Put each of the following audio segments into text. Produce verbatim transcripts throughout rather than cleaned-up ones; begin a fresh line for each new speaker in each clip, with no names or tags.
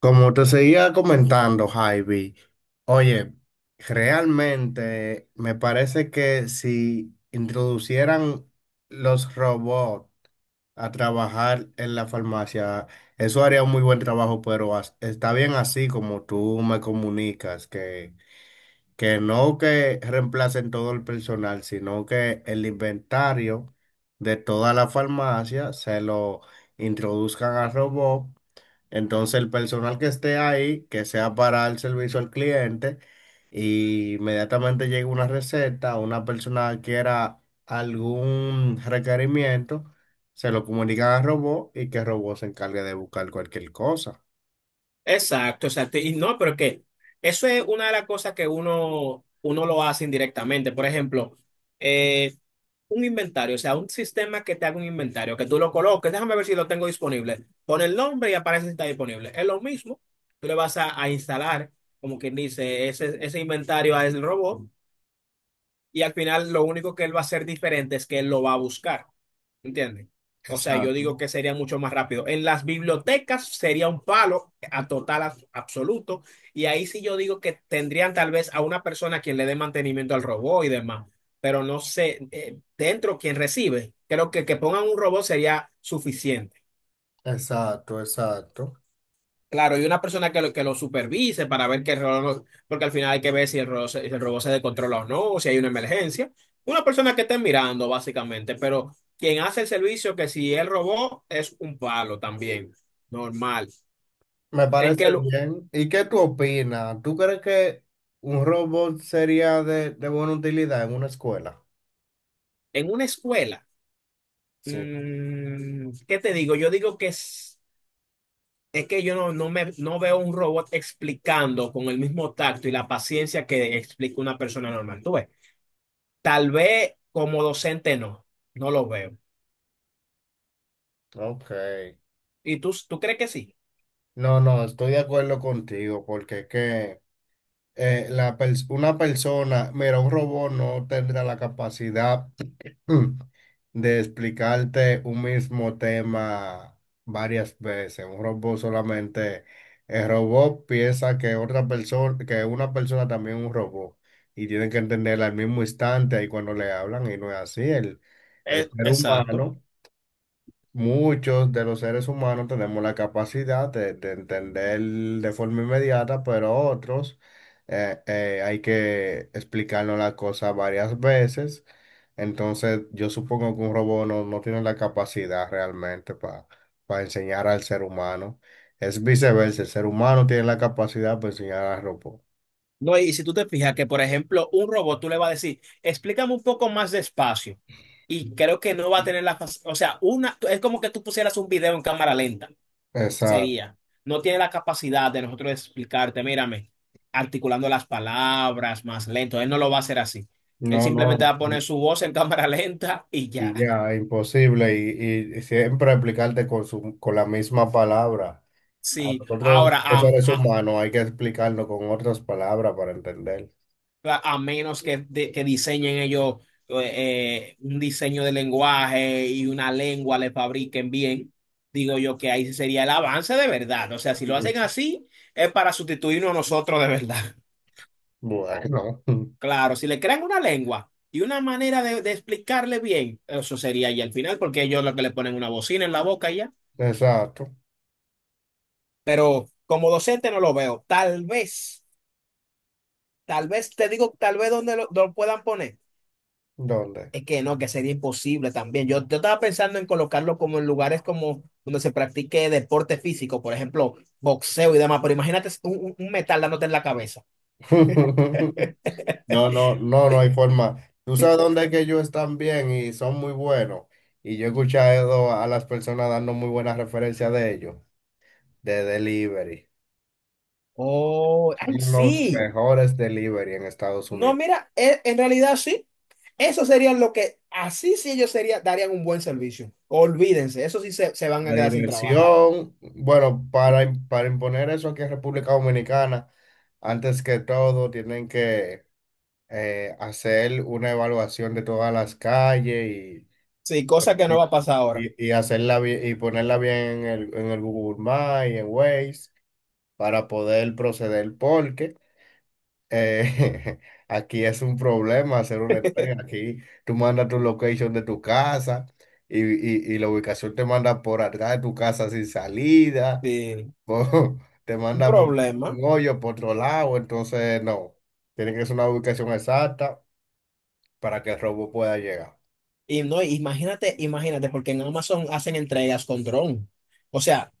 Como te seguía comentando, Javi, oye, realmente me parece que si introducieran los robots a trabajar en la farmacia, eso haría un muy buen trabajo, pero as- está bien así como tú me comunicas, que, que no que reemplacen todo el personal, sino que el inventario de toda la farmacia se lo introduzcan al robot. Entonces el personal que esté ahí, que sea para el servicio al cliente, y inmediatamente llega una receta, una persona que quiera algún requerimiento, se lo comunican al robot y que el robot se encargue de buscar cualquier cosa.
Exacto, exacto. Y no, pero es que eso es una de las cosas que uno, uno lo hace indirectamente. Por ejemplo, eh, un inventario, o sea, un sistema que te haga un inventario, que tú lo coloques, déjame ver si lo tengo disponible. Pon el nombre y aparece si está disponible. Es lo mismo, tú le vas a, a instalar, como quien dice, ese, ese inventario al robot y al final lo único que él va a hacer diferente es que él lo va a buscar. ¿Entiendes? O sea, yo
Exacto,
digo que sería mucho más rápido. En las bibliotecas sería un palo a total abs- absoluto. Y ahí sí yo digo que tendrían tal vez a una persona quien le dé mantenimiento al robot y demás. Pero no sé, eh, dentro quien recibe, creo que que pongan un robot sería suficiente.
exacto, exacto.
Claro, y una persona que lo, que lo supervise para ver que el reloj, no- porque al final hay que ver si el reloj, se- si el robot se descontrola o no, o si hay una emergencia. Una persona que esté mirando, básicamente, pero quien hace el servicio, que si el robot es un palo también, normal.
Me
En
parece
que lo-
bien. ¿Y qué tú opinas? ¿Tú crees que un robot sería de, de buena utilidad en una escuela?
en una escuela,
Sí.
mm, ¿qué te digo? Yo digo que es, es que yo no, no me, no veo un robot explicando con el mismo tacto y la paciencia que explica una persona normal. Tú ves, tal vez como docente no, no lo veo.
Ok.
¿Y tú, tú crees que sí?
No, no, estoy de acuerdo contigo, porque es que eh, la pers- una persona, mira, un robot no tendrá la capacidad de explicarte un mismo tema varias veces. Un robot solamente, el robot piensa que otra persona, que una persona también es un robot, y tienen que entenderla al mismo instante ahí cuando le hablan, y no es así. El,
Eh,
el ser
exacto.
humano. Muchos de los seres humanos tenemos la capacidad de, de entender de forma inmediata, pero otros eh, eh, hay que explicarnos la cosa varias veces. Entonces, yo supongo que un robot no, no tiene la capacidad realmente para enseñar al ser humano. Es viceversa, el ser humano tiene la capacidad para enseñar al robot.
No, y si tú te fijas que, por ejemplo, un robot tú le vas a decir, explícame un poco más despacio. Y creo que no va a tener la fac- O sea, una, es como que tú pusieras un video en cámara lenta.
Exacto.
Sería. No tiene la capacidad de nosotros explicarte, mírame, articulando las palabras más lento. Él no lo va a hacer así. Él
No, no,
simplemente va a
y
poner su voz en cámara lenta y ya.
y ya, imposible. Y, y- y siempre explicarte con, su, con la misma palabra. A
Sí.
nosotros,
Ahora,
los
am-
seres
a-
humanos, hay que explicarlo con otras palabras para entender.
a menos que, de- que diseñen ellos eh, eh, un diseño de lenguaje y una lengua le fabriquen bien, digo yo que ahí sí sería el avance de verdad. O sea, si lo
Ujú.
hacen así, es para sustituirnos a nosotros de verdad.
Bueno,
Claro, si le crean una lengua y una manera de, de explicarle bien, eso sería ya al final, porque ellos lo que le ponen una bocina en la boca y ya.
exacto.
Pero como docente no lo veo. Tal vez, tal vez, te digo, tal vez donde lo lo puedan poner.
¿Dónde?
Es que no, que sería imposible también. Yo, yo estaba pensando en colocarlo como en lugares como donde se practique deporte físico, por ejemplo, boxeo y demás, pero imagínate un, un- metal dándote en la cabeza.
No, no, no, no hay forma. Tú sabes dónde es que ellos están bien y son muy buenos. Y yo he escuchado a las personas dando muy buenas referencias de ellos, de delivery.
Oh, ay,
Son los
sí.
mejores delivery en Estados
No,
Unidos.
mira, e- en realidad sí. Eso sería lo que, así sí ellos sería, darían un buen servicio. Olvídense, eso sí se, se van
La
a quedar sin trabajo.
diversión, bueno, para, im- para imponer eso aquí en República Dominicana, antes que todo, tienen que eh, hacer una evaluación de todas las calles y,
Sí, cosa que no va a pasar ahora.
y, y hacerla bi- y ponerla bien en el, en el Google Maps y en Waze para poder proceder, porque eh, aquí es un problema hacer una entrega. Aquí tú mandas tu location de tu casa y, y, y la ubicación te manda por atrás de tu casa sin salida
Sí,
po- te
un
manda por
problema.
un hoyo, por otro lado, entonces no. Tiene que ser una ubicación exacta para que el robo pueda llegar.
Y no, imagínate, imagínate, porque en Amazon hacen entregas con dron. O sea,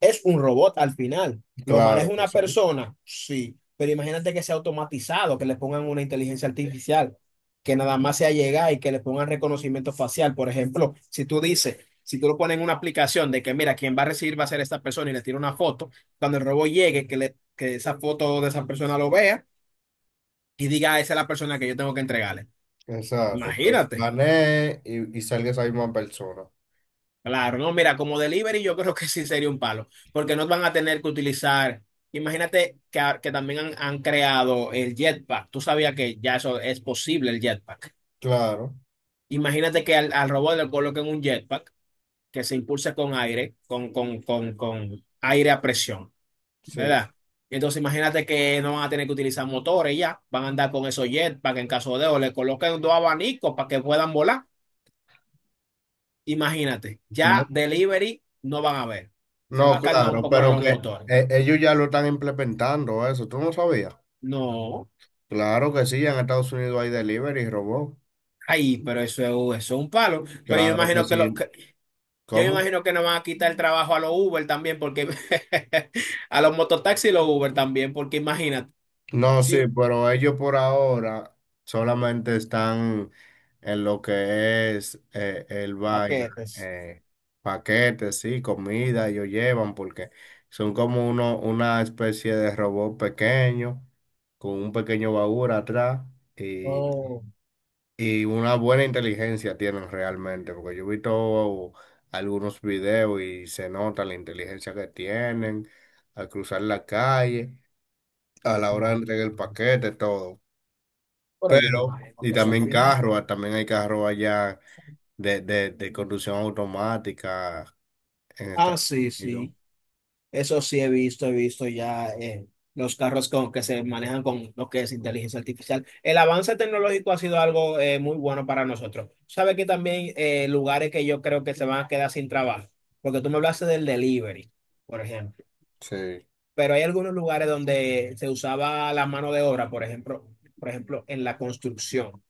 es un robot al final. ¿Lo maneja
Claro, pues
una
sí.
persona? Sí, pero imagínate que sea automatizado, que le pongan una inteligencia artificial, que nada más sea llegar y que le pongan reconocimiento facial. Por ejemplo, si tú dices, si tú lo pones en una aplicación de que, mira, quien va a recibir va a ser esta persona y le tira una foto, cuando el robot llegue, que, le, que esa foto de esa persona lo vea y diga, "Ah, esa es la persona que yo tengo que entregarle".
Exacto. Pues
Imagínate.
planee y, y salga esa misma persona.
Claro, no, mira, como delivery yo creo que sí sería un palo, porque no van a tener que utilizar, imagínate que, a- que también han, han creado el jetpack, tú sabías que ya eso es posible el jetpack.
Claro,
Imagínate que al, al robot le coloquen un jetpack que se impulse con aire, con, con, con, con aire a presión,
sí.
¿verdad? Entonces imagínate que no van a tener que utilizar motores ya, van a andar con esos jetpack en caso de, o le coloquen dos abanicos para que puedan volar. Imagínate, ya
No,
delivery no van a ver. Se
no,
va a calmar un
claro,
poco lo de
pero
los
que
motores.
eh, ellos ya lo están implementando eso. ¿Tú no sabías?
No,
Claro que sí, en Estados Unidos hay delivery, robot.
ay, pero eso es, eso es un palo. Pero yo
Claro que
imagino que, lo, que-
sí.
yo
¿Cómo?
imagino que nos van a quitar el trabajo a los Uber también, porque a los mototaxis y los Uber también, porque imagínate,
No,
si
sí,
un-
pero ellos por ahora solamente están en lo que es eh, el vaina,
paquetes.
eh, paquetes, sí, comida, ellos llevan porque son como uno, una especie de robot pequeño con un pequeño baúl atrás, y,
Oh,
y una buena inteligencia tienen realmente, porque yo he visto algunos videos y se nota la inteligencia que tienen al cruzar la calle, a la hora de
no.
entregar el paquete, todo.
Pero yo me
Pero,
imagino
y
que eso al
también
final.
carros, ah, también hay carros allá de, de, de conducción automática en
Ah,
Estados
sí,
Unidos.
sí. Eso sí he visto, he visto ya eh, los carros con, que se manejan con lo que es inteligencia artificial. El avance tecnológico ha sido algo eh, muy bueno para nosotros. Sabe que también eh, lugares que yo creo que se van a quedar sin trabajo, porque tú me hablaste del delivery, por ejemplo,
Sí,
pero hay algunos lugares donde se usaba la mano de obra, por ejemplo, por ejemplo, en la construcción.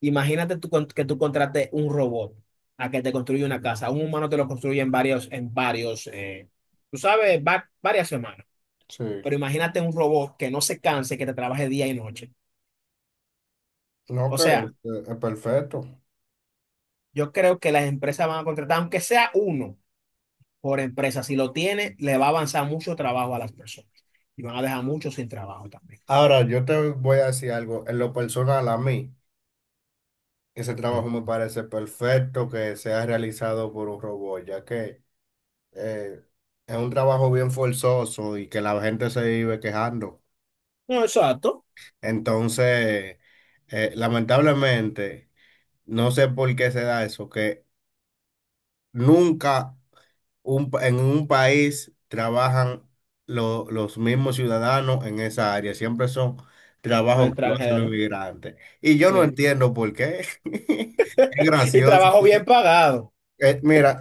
Imagínate tú con- que tú contrates un robot a que te construya una casa. Un humano te lo construye en varios, en varios, eh, tú sabes, va- varias semanas.
sí.
Pero imagínate un robot que no se canse, que te trabaje día y noche.
No,
O
que es,
sea,
es perfecto.
yo creo que las empresas van a contratar, aunque sea uno por empresa, si lo tiene, le va a avanzar mucho trabajo a las personas. Y van a dejar muchos sin trabajo también.
Ahora, yo te voy a decir algo, en lo personal a mí, ese
Sí.
trabajo me parece perfecto que sea realizado por un robot, ya que eh, es un trabajo bien forzoso y que la gente se vive quejando.
No, exacto.
Entonces, eh, lamentablemente, no sé por qué se da eso, que nunca un pa- en un país trabajan lo- los mismos ciudadanos en esa área. Siempre son
Los
trabajos que lo hacen los
extranjeros.
inmigrantes. Y yo no
Sí.
entiendo por qué. Es
Y
gracioso.
trabajo bien pagado.
Eh, mira,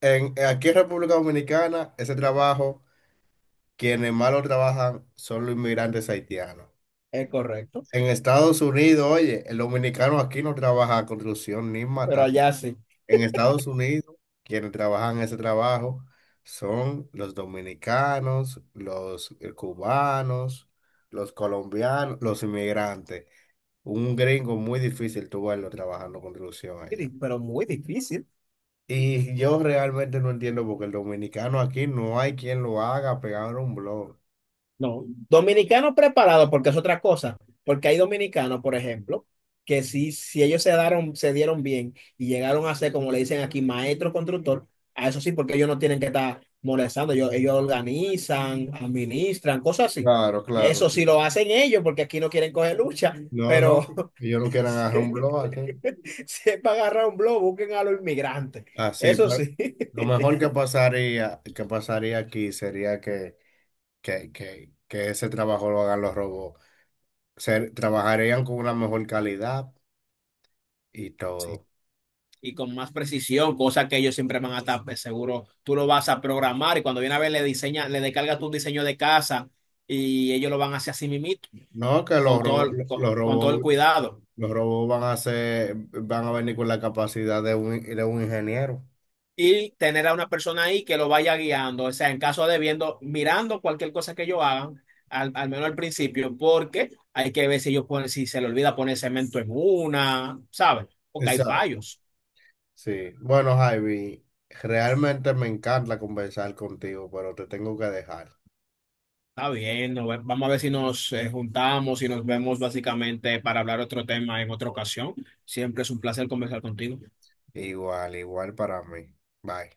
en, aquí en República Dominicana, ese trabajo, quienes más lo trabajan son los inmigrantes haitianos.
Es correcto.
En Estados Unidos, oye, el dominicano aquí no trabaja construcción ni
Pero
matar.
allá sí.
En Estados Unidos, quienes trabajan ese trabajo son los dominicanos, los eh, cubanos, los colombianos, los inmigrantes. Un gringo muy difícil tú verlo trabajando construcción allá.
Pero muy difícil.
Y yo realmente no entiendo porque el dominicano aquí no hay quien lo haga pegar un blog.
No, dominicanos preparados porque es otra cosa, porque hay dominicanos, por ejemplo, que si, si ellos se daron, se dieron bien y llegaron a ser, como le dicen aquí, maestro constructor, a eso sí, porque ellos no tienen que estar molestando, ellos, ellos organizan, administran, cosas así.
Claro, claro,
Eso
sí.
sí lo hacen ellos, porque aquí no quieren coger lucha,
No, no,
pero
que ellos no quieran
si
agarrar un blog aquí.
si es para agarrar un blog, busquen a los inmigrantes.
Así,
Eso
pero
sí.
lo mejor que pasaría, que pasaría aquí sería que que, que, que ese trabajo lo hagan los robots. Ser- trabajarían con una mejor calidad y
Sí.
todo.
Y con más precisión, cosa que ellos siempre van a estar pues, seguro. Tú lo vas a programar y cuando viene a ver le diseña, le descargas tu diseño de casa y ellos lo van a hacer así mimito,
No, que los,
con todo
ro-
el, con,
los
con todo el
robots,
cuidado.
los robots van a ser, van a venir con la capacidad de un, de un ingeniero.
Y tener a una persona ahí que lo vaya guiando, o sea, en caso de viendo, mirando cualquier cosa que ellos hagan, al, al menos al principio, porque hay que ver si ellos ponen, si se le olvida poner cemento en una, ¿sabes? Porque hay
Exacto.
fallos.
Sí. Bueno, Javi, realmente me encanta conversar contigo, pero te tengo que dejar.
Está bien, nos ve- vamos a ver si nos eh, juntamos y nos vemos básicamente para hablar otro tema en otra ocasión. Siempre es un placer conversar contigo.
Igual, igual para mí. Bye.